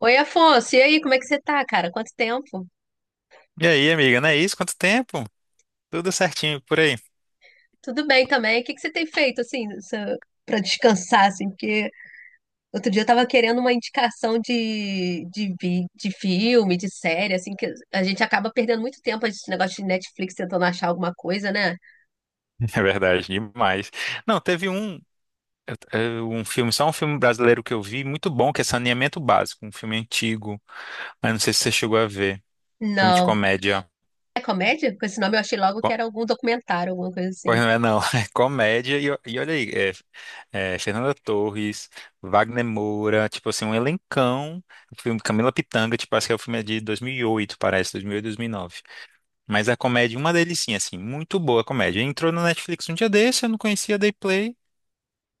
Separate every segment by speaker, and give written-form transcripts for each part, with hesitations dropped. Speaker 1: Oi, Afonso, e aí, como é que você tá, cara? Quanto tempo?
Speaker 2: E aí, amiga, não é isso? Quanto tempo? Tudo certinho por aí.
Speaker 1: Tudo bem também? O que que você tem feito, assim, pra descansar, assim? Porque outro dia eu tava querendo uma indicação de filme, de série, assim, que a gente acaba perdendo muito tempo esse negócio de Netflix tentando achar alguma coisa, né?
Speaker 2: É verdade, demais. Não, teve um filme, só um filme brasileiro que eu vi, muito bom, que é Saneamento Básico, um filme antigo, mas não sei se você chegou a ver. Filme de
Speaker 1: Não.
Speaker 2: comédia.
Speaker 1: É comédia? Com esse nome eu achei logo que
Speaker 2: Co-
Speaker 1: era algum documentário, alguma coisa
Speaker 2: Pois
Speaker 1: assim.
Speaker 2: não é, não. É comédia. E olha aí, é, Fernanda Torres, Wagner Moura, tipo assim, um elencão. O filme Camila Pitanga, tipo, acho que é o filme é de 2008, parece, 2008, 2009. Mas a comédia, uma delicinha, assim, muito boa a comédia. Entrou no Netflix um dia desse, eu não conhecia, dei play.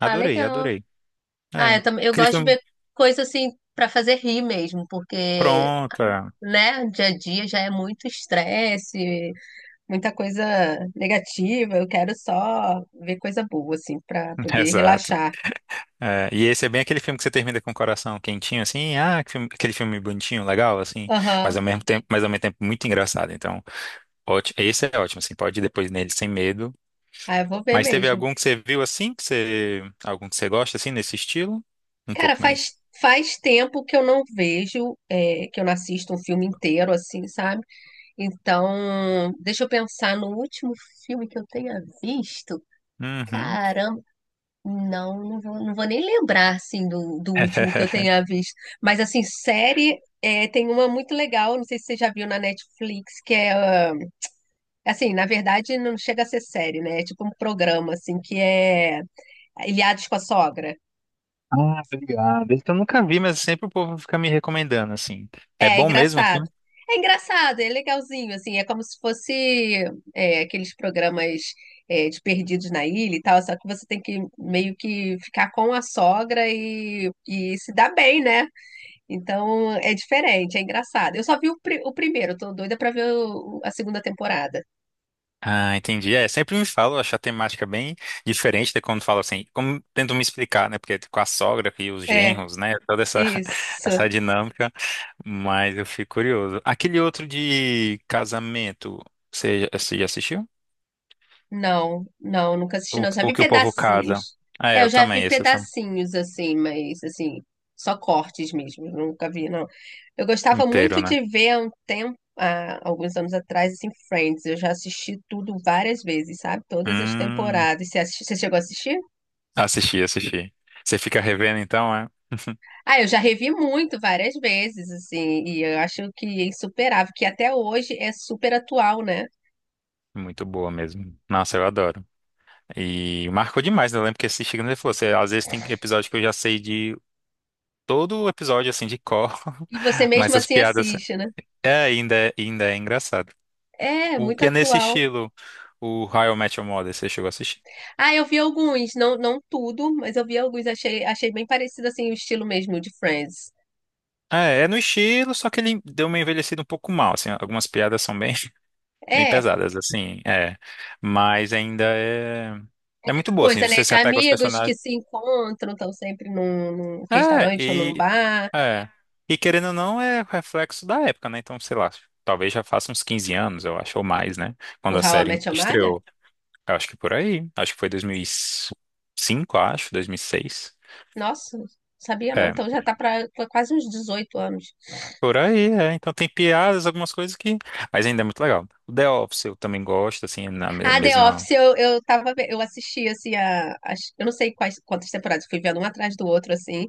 Speaker 1: Ah, legal.
Speaker 2: adorei.
Speaker 1: Ah,
Speaker 2: É.
Speaker 1: eu também, eu
Speaker 2: Aquele
Speaker 1: gosto de
Speaker 2: filme.
Speaker 1: ver coisa, assim, pra fazer rir mesmo, porque,
Speaker 2: Pronto. É.
Speaker 1: né, dia a dia já é muito estresse, muita coisa negativa, eu quero só ver coisa boa, assim, pra poder
Speaker 2: Exato.
Speaker 1: relaxar.
Speaker 2: É, e esse é bem aquele filme que você termina com o coração quentinho, assim, ah, aquele filme bonitinho, legal, assim, mas
Speaker 1: Aham.
Speaker 2: ao mesmo tempo, muito engraçado. Então, ótimo, esse é ótimo, assim, pode ir depois nele sem medo.
Speaker 1: Ah, eu vou ver
Speaker 2: Mas teve
Speaker 1: mesmo.
Speaker 2: algum que você viu assim, algum que você gosta assim nesse estilo? Um pouco
Speaker 1: Cara,
Speaker 2: mais.
Speaker 1: faz tempo que eu não vejo, que eu não assisto um filme inteiro, assim, sabe? Então, deixa eu pensar no último filme que eu tenha visto.
Speaker 2: Uhum.
Speaker 1: Caramba, não vou, não vou nem lembrar, assim, do último que eu tenha visto. Mas, assim, série, é, tem uma muito legal, não sei se você já viu na Netflix, que é. Assim, na verdade, não chega a ser série, né? É tipo um programa, assim, que é Ilhados com a Sogra.
Speaker 2: Ah, obrigado. Esse eu nunca vi, mas sempre o povo fica me recomendando assim. É
Speaker 1: É, é
Speaker 2: bom mesmo, assim?
Speaker 1: engraçado. É engraçado, é legalzinho, assim, é como se fosse aqueles programas de Perdidos na Ilha e tal, só que você tem que meio que ficar com a sogra e se dar bem, né? Então é diferente, é engraçado. Eu só vi o primeiro, eu tô doida pra ver a segunda temporada.
Speaker 2: Ah, entendi. É, sempre me falo, acho a temática bem diferente de quando falo assim, como tento me explicar, né? Porque com a sogra e os
Speaker 1: É,
Speaker 2: genros, né? Toda essa,
Speaker 1: isso.
Speaker 2: essa dinâmica, mas eu fico curioso. Aquele outro de casamento, você já assistiu?
Speaker 1: Não, não, nunca assisti
Speaker 2: O,
Speaker 1: não. Já
Speaker 2: o
Speaker 1: vi
Speaker 2: que o povo casa.
Speaker 1: pedacinhos.
Speaker 2: Ah, é,
Speaker 1: É, eu
Speaker 2: eu
Speaker 1: já
Speaker 2: também,
Speaker 1: vi
Speaker 2: esse eu
Speaker 1: pedacinhos assim, mas assim, só cortes mesmo, nunca vi não. Eu gostava
Speaker 2: inteiro,
Speaker 1: muito
Speaker 2: né?
Speaker 1: de ver há um tempo, há alguns anos atrás, assim, Friends. Eu já assisti tudo várias vezes, sabe? Todas as
Speaker 2: Hum,
Speaker 1: temporadas. Você, você chegou a assistir?
Speaker 2: Assisti, assisti. Você fica revendo então, é?
Speaker 1: Ah, eu já revi muito várias vezes, assim, e eu acho que é insuperável, que até hoje é super atual, né?
Speaker 2: Muito boa mesmo. Nossa, eu adoro. E marcou demais, né? Eu lembro que assistindo ele falou, você, às vezes tem episódio que eu já sei de todo o episódio assim de cor,
Speaker 1: E você
Speaker 2: mas
Speaker 1: mesmo
Speaker 2: as
Speaker 1: assim
Speaker 2: piadas,
Speaker 1: assiste, né?
Speaker 2: ainda é engraçado.
Speaker 1: É,
Speaker 2: O
Speaker 1: muito
Speaker 2: que é nesse
Speaker 1: atual.
Speaker 2: estilo, o How I Met Your Mother, você chegou a assistir?
Speaker 1: Ah, eu vi alguns, não, não tudo, mas eu vi alguns, achei, achei bem parecido assim o estilo mesmo de Friends.
Speaker 2: É no estilo, só que ele deu uma envelhecida um pouco mal, assim, algumas piadas são bem, bem
Speaker 1: É,
Speaker 2: pesadas, assim, é, mas ainda é muito boa, assim,
Speaker 1: coisa, né,
Speaker 2: você se
Speaker 1: de
Speaker 2: apega aos
Speaker 1: amigos que
Speaker 2: personagens,
Speaker 1: se encontram, estão sempre num, num
Speaker 2: é,
Speaker 1: restaurante ou num
Speaker 2: e,
Speaker 1: bar.
Speaker 2: é, e querendo ou não, é reflexo da época, né, então, sei lá, talvez já faça uns 15 anos, eu acho, ou mais, né,
Speaker 1: O
Speaker 2: quando a
Speaker 1: How I
Speaker 2: série
Speaker 1: Met Your Mother?
Speaker 2: estreou. Eu acho que por aí. Acho que foi 2005, acho, 2006.
Speaker 1: Nossa, sabia não.
Speaker 2: É,
Speaker 1: Então já tá para quase uns 18 anos.
Speaker 2: por aí, é. Então tem piadas, algumas coisas que. Mas ainda é muito legal. O The Office eu também gosto, assim, na me-
Speaker 1: Ah, The
Speaker 2: mesma.
Speaker 1: Office, eu tava, eu assisti assim eu não sei quais quantas temporadas, fui vendo um atrás do outro assim.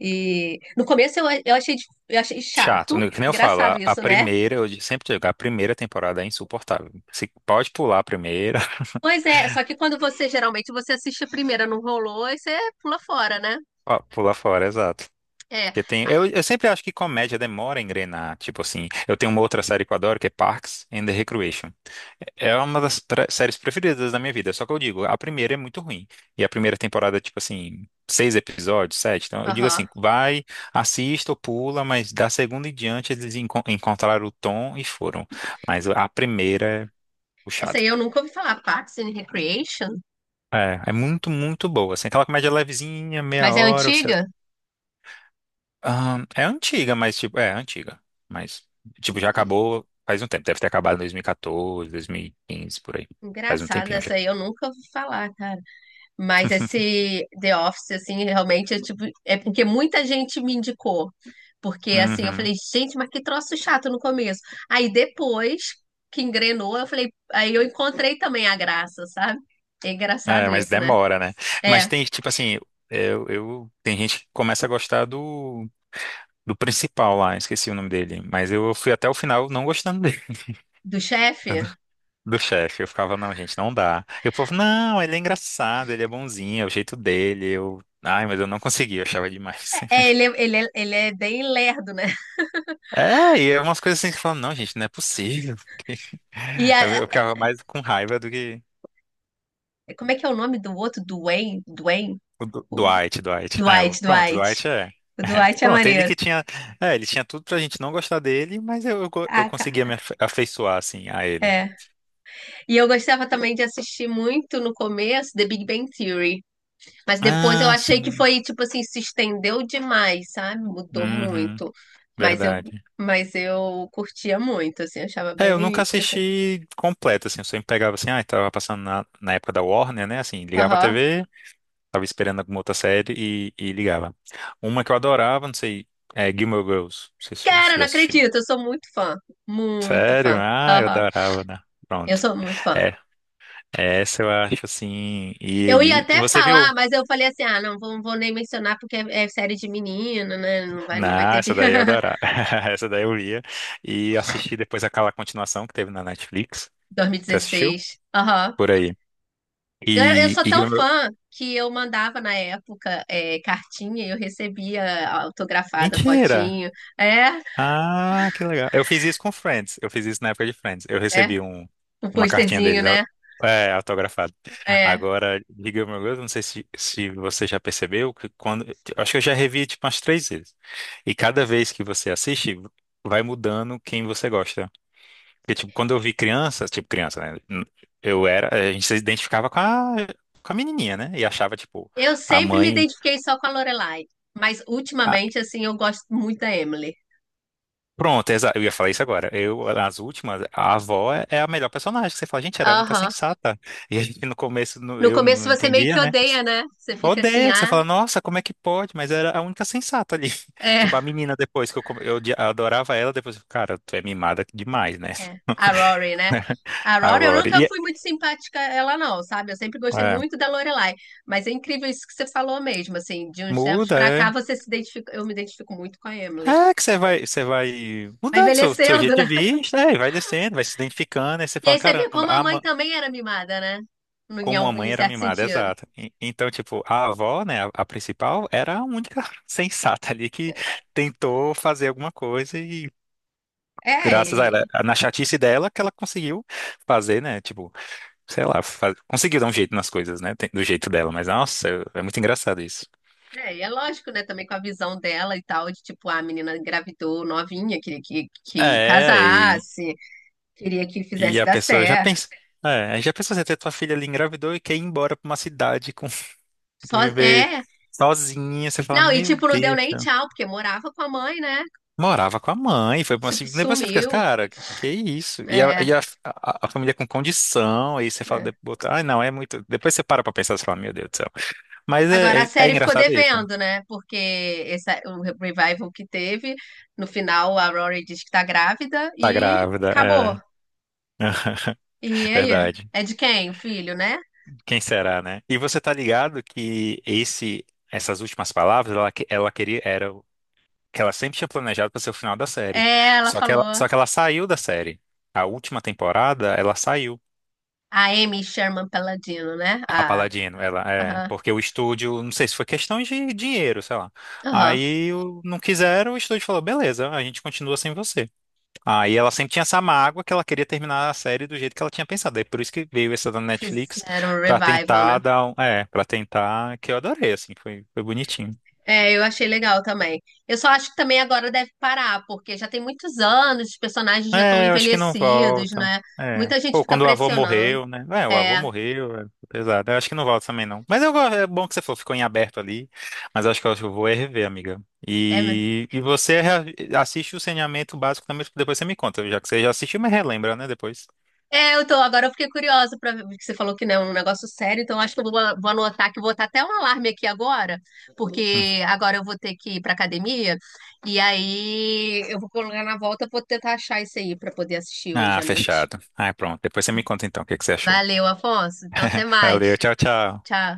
Speaker 1: E no começo eu achei, eu achei
Speaker 2: Chato,
Speaker 1: chato.
Speaker 2: né? Que nem eu falo,
Speaker 1: Engraçado
Speaker 2: a
Speaker 1: isso, né?
Speaker 2: primeira, eu sempre digo, a primeira temporada é insuportável. Você pode pular a primeira.
Speaker 1: Pois é, só que quando você geralmente você assiste a primeira, não rolou, aí você pula fora, né?
Speaker 2: Ó, pular fora, é exato.
Speaker 1: É.
Speaker 2: Porque tem,
Speaker 1: Ah,
Speaker 2: eu sempre acho que comédia demora a engrenar. Tipo assim, eu tenho uma outra série que eu adoro, que é Parks and the Recreation. É uma das séries preferidas da minha vida. Só que eu digo, a primeira é muito ruim. E a primeira temporada, é, tipo assim, seis episódios, sete. Então eu digo assim,
Speaker 1: aham.
Speaker 2: vai, assista ou pula, mas da segunda em diante eles encontraram o tom e foram. Mas a primeira é
Speaker 1: Essa
Speaker 2: puxada.
Speaker 1: aí eu nunca ouvi falar, Parks and Recreation,
Speaker 2: É muito, muito boa. Assim, aquela comédia levezinha, meia
Speaker 1: mas é
Speaker 2: hora, você
Speaker 1: antiga?
Speaker 2: É antiga, mas tipo, é antiga. Mas, tipo, já acabou faz um tempo. Deve ter acabado em 2014, 2015, por aí. Faz um
Speaker 1: Engraçada,
Speaker 2: tempinho já.
Speaker 1: essa aí eu nunca ouvi falar, cara. Mas esse The Office, assim, realmente é tipo, é porque muita gente me indicou. Porque assim, eu
Speaker 2: Uhum.
Speaker 1: falei, gente, mas que troço chato no começo. Aí depois que engrenou, eu falei, aí eu encontrei também a graça, sabe? É
Speaker 2: É,
Speaker 1: engraçado
Speaker 2: mas
Speaker 1: isso, né?
Speaker 2: demora, né? Mas
Speaker 1: É,
Speaker 2: tem, tipo assim, tem gente que começa a gostar do principal lá, esqueci o nome dele. Mas eu fui até o final não gostando dele,
Speaker 1: do chefe.
Speaker 2: do chefe. Eu ficava, não, gente, não dá. E o povo, não, ele é engraçado, ele é bonzinho, é o jeito dele. Eu, ai, mas eu não consegui, eu achava demais.
Speaker 1: Ele é bem lerdo, né?
Speaker 2: É, e é umas coisas assim que falam, não, gente, não é possível.
Speaker 1: E
Speaker 2: Eu
Speaker 1: a-
Speaker 2: ficava mais com raiva do que
Speaker 1: como é que é o nome do outro? Dwayne?
Speaker 2: o
Speaker 1: O
Speaker 2: Dwight, Dwight. Ah, eu, pronto, Dwight
Speaker 1: Dwight.
Speaker 2: é,
Speaker 1: O
Speaker 2: é.
Speaker 1: Dwight é
Speaker 2: Pronto, ele
Speaker 1: maneiro.
Speaker 2: que tinha. É, ele tinha tudo pra gente não gostar dele, mas eu
Speaker 1: Ah, ca-
Speaker 2: conseguia me afeiçoar, assim, a ele.
Speaker 1: é. E eu gostava também de assistir muito no começo The Big Bang Theory. Mas depois eu
Speaker 2: Ah,
Speaker 1: achei que
Speaker 2: sim.
Speaker 1: foi, tipo assim, se estendeu demais, sabe? Mudou
Speaker 2: Uhum,
Speaker 1: muito. Mas eu,
Speaker 2: verdade.
Speaker 1: mas eu curtia muito, assim, achava
Speaker 2: É, eu
Speaker 1: bem
Speaker 2: nunca
Speaker 1: interessante.
Speaker 2: assisti completo, assim, eu sempre pegava assim, ah, tava passando na época da Warner, né? Assim, ligava a
Speaker 1: Aham.
Speaker 2: TV. Tava esperando alguma outra série e ligava. Uma que eu adorava, não sei, é Gilmore Girls. Não sei se
Speaker 1: Cara,
Speaker 2: você já
Speaker 1: não
Speaker 2: assistiu.
Speaker 1: acredito, eu sou muito fã. Muito
Speaker 2: Sério?
Speaker 1: fã.
Speaker 2: Ah, eu
Speaker 1: Aham.
Speaker 2: adorava, né?
Speaker 1: Eu
Speaker 2: Pronto.
Speaker 1: sou muito fã.
Speaker 2: É, essa eu acho assim.
Speaker 1: Eu ia
Speaker 2: E
Speaker 1: até
Speaker 2: você viu?
Speaker 1: falar, mas eu falei assim: ah, não vou, vou nem mencionar porque é série de menino, né? Não vai, não vai
Speaker 2: Não,
Speaker 1: ter.
Speaker 2: essa
Speaker 1: Vi-
Speaker 2: daí eu adorava. Essa daí eu via. E assisti depois aquela continuação que teve na Netflix. Você assistiu?
Speaker 1: 2016. Aham.
Speaker 2: Por aí.
Speaker 1: Eu
Speaker 2: E,
Speaker 1: sou
Speaker 2: e
Speaker 1: tão
Speaker 2: Gilmore...
Speaker 1: fã que eu mandava na época cartinha e eu recebia autografada,
Speaker 2: Mentira!
Speaker 1: fotinho. É,
Speaker 2: Ah, que legal. Eu fiz isso com Friends. Eu fiz isso na época de Friends. Eu
Speaker 1: é,
Speaker 2: recebi um,
Speaker 1: um
Speaker 2: uma cartinha
Speaker 1: posterzinho,
Speaker 2: deles,
Speaker 1: né?
Speaker 2: autografada.
Speaker 1: É.
Speaker 2: Agora, Big Little Girls, não sei se você já percebeu que quando. Acho que eu já revi tipo umas três vezes. E cada vez que você assiste, vai mudando quem você gosta. Porque, tipo, quando eu vi criança, tipo criança, né? Eu era. A gente se identificava com a menininha, né? E achava, tipo,
Speaker 1: Eu
Speaker 2: a
Speaker 1: sempre me
Speaker 2: mãe.
Speaker 1: identifiquei só com a Lorelai, mas ultimamente, assim, eu gosto muito da Emily.
Speaker 2: Pronto, eu ia falar isso agora. Eu, nas últimas, a avó é a melhor personagem, que você fala, gente, era a única
Speaker 1: Aham.
Speaker 2: sensata. E a gente no começo
Speaker 1: No
Speaker 2: eu não
Speaker 1: começo você meio
Speaker 2: entendia,
Speaker 1: que
Speaker 2: né?
Speaker 1: odeia, né? Você fica assim,
Speaker 2: Odeia, que você
Speaker 1: ah,
Speaker 2: fala, nossa, como é que pode? Mas era a única sensata ali.
Speaker 1: é,
Speaker 2: Tipo, a menina depois que eu, come- eu odi- adorava ela, depois, eu, cara, tu é mimada demais, né?
Speaker 1: é. A Rory, né? A
Speaker 2: A
Speaker 1: Rory, eu
Speaker 2: Rory.
Speaker 1: nunca fui muito simpática a ela não, sabe? Eu sempre gostei
Speaker 2: É,
Speaker 1: muito da Lorelai, mas é incrível isso que você falou mesmo, assim, de uns tempos
Speaker 2: muda,
Speaker 1: pra
Speaker 2: é.
Speaker 1: cá você se identifica, eu me identifico muito com a Emily.
Speaker 2: É que você vai
Speaker 1: Vai
Speaker 2: mudando seu jeito
Speaker 1: envelhecendo,
Speaker 2: de
Speaker 1: né?
Speaker 2: vista, é, e vai descendo, vai se identificando, aí você
Speaker 1: E
Speaker 2: fala,
Speaker 1: aí você vê
Speaker 2: caramba,
Speaker 1: como a
Speaker 2: a
Speaker 1: mãe também era mimada, né?
Speaker 2: Como a
Speaker 1: Em
Speaker 2: mãe era
Speaker 1: certo
Speaker 2: mimada,
Speaker 1: sentido.
Speaker 2: exato. Então, tipo, a avó, né, a principal, era a única sensata ali que tentou fazer alguma coisa e
Speaker 1: É,
Speaker 2: graças a ela,
Speaker 1: e,
Speaker 2: na chatice dela, que ela conseguiu fazer, né, tipo, sei lá, conseguiu dar um jeito nas coisas, né, do jeito dela, mas nossa, é muito engraçado isso.
Speaker 1: e é lógico, né, também com a visão dela e tal, de tipo, ah, a menina engravidou novinha, que
Speaker 2: É, e,
Speaker 1: casasse, queria que
Speaker 2: e
Speaker 1: fizesse
Speaker 2: a
Speaker 1: dar
Speaker 2: pessoa já
Speaker 1: certo.
Speaker 2: pensa, é, já pensou você ter tua filha ali engravidou e quer ir embora pra uma cidade com,
Speaker 1: Só,
Speaker 2: viver
Speaker 1: é.
Speaker 2: sozinha, você fala,
Speaker 1: Não, e
Speaker 2: meu
Speaker 1: tipo, não deu
Speaker 2: Deus.
Speaker 1: nem tchau, porque morava com a mãe, né?
Speaker 2: Morava com a mãe, foi bom
Speaker 1: Tipo,
Speaker 2: assim. Depois você fica assim,
Speaker 1: sumiu.
Speaker 2: cara, que isso? E a,
Speaker 1: É,
Speaker 2: e a, a- a família com condição, aí você fala,
Speaker 1: é.
Speaker 2: depois, ai não, é muito. Depois você para pra pensar, você fala, meu Deus do céu. Mas
Speaker 1: Agora
Speaker 2: é,
Speaker 1: a
Speaker 2: é, é
Speaker 1: série ficou
Speaker 2: engraçado isso, né?
Speaker 1: devendo, né? Porque esse, é o revival que teve, no final a Rory diz que tá grávida
Speaker 2: Tá
Speaker 1: e
Speaker 2: grávida,
Speaker 1: acabou.
Speaker 2: é.
Speaker 1: E aí?
Speaker 2: Verdade.
Speaker 1: É de quem? O filho, né?
Speaker 2: Quem será, né? E você tá ligado que esse, essas últimas palavras, ela, ela queria, era o que ela sempre tinha planejado para ser o final da série.
Speaker 1: É, ela
Speaker 2: Só que ela,
Speaker 1: falou.
Speaker 2: só que ela saiu da série. A última temporada, ela saiu.
Speaker 1: A Amy Sherman Palladino, né?
Speaker 2: A
Speaker 1: A,
Speaker 2: Paladino, ela é,
Speaker 1: aham,
Speaker 2: porque o estúdio, não sei se foi questão de dinheiro, sei lá.
Speaker 1: aham.
Speaker 2: Não quiseram, o estúdio falou, beleza, a gente continua sem você. Aí ela sempre tinha essa mágoa que ela queria terminar a série do jeito que ela tinha pensado. Aí por isso que veio essa da Netflix
Speaker 1: Fizeram um
Speaker 2: pra
Speaker 1: revival, né?
Speaker 2: tentar dar, para tentar, que eu adorei assim, foi bonitinho.
Speaker 1: É, eu achei legal também. Eu só acho que também agora deve parar, porque já tem muitos anos, os personagens já estão
Speaker 2: É, eu acho que não
Speaker 1: envelhecidos,
Speaker 2: volta.
Speaker 1: né?
Speaker 2: É.
Speaker 1: Muita gente
Speaker 2: Pô,
Speaker 1: fica
Speaker 2: quando o avô
Speaker 1: pressionando.
Speaker 2: morreu, né? É, o avô
Speaker 1: É,
Speaker 2: morreu, é pesado. Eu acho que não volta também, não. Mas é bom que você falou, ficou em aberto ali. Mas eu acho que eu vou é rever, amiga.
Speaker 1: é, mesmo.
Speaker 2: E você assiste o saneamento básico também, depois você me conta, já que você já assistiu, mas relembra, né, depois.
Speaker 1: É, eu tô, agora eu fiquei curiosa para ver, porque você falou que não é um negócio sério, então acho que vou anotar que vou botar até um alarme aqui agora,
Speaker 2: Hum.
Speaker 1: porque agora eu vou ter que ir pra academia, e aí eu vou colocar na volta, vou tentar achar isso aí pra poder assistir hoje
Speaker 2: Ah,
Speaker 1: à noite.
Speaker 2: fechado. Ah, pronto. Depois você me conta então o que que você achou.
Speaker 1: Valeu, Afonso. Então até
Speaker 2: Valeu,
Speaker 1: mais.
Speaker 2: tchau, tchau.
Speaker 1: Tchau.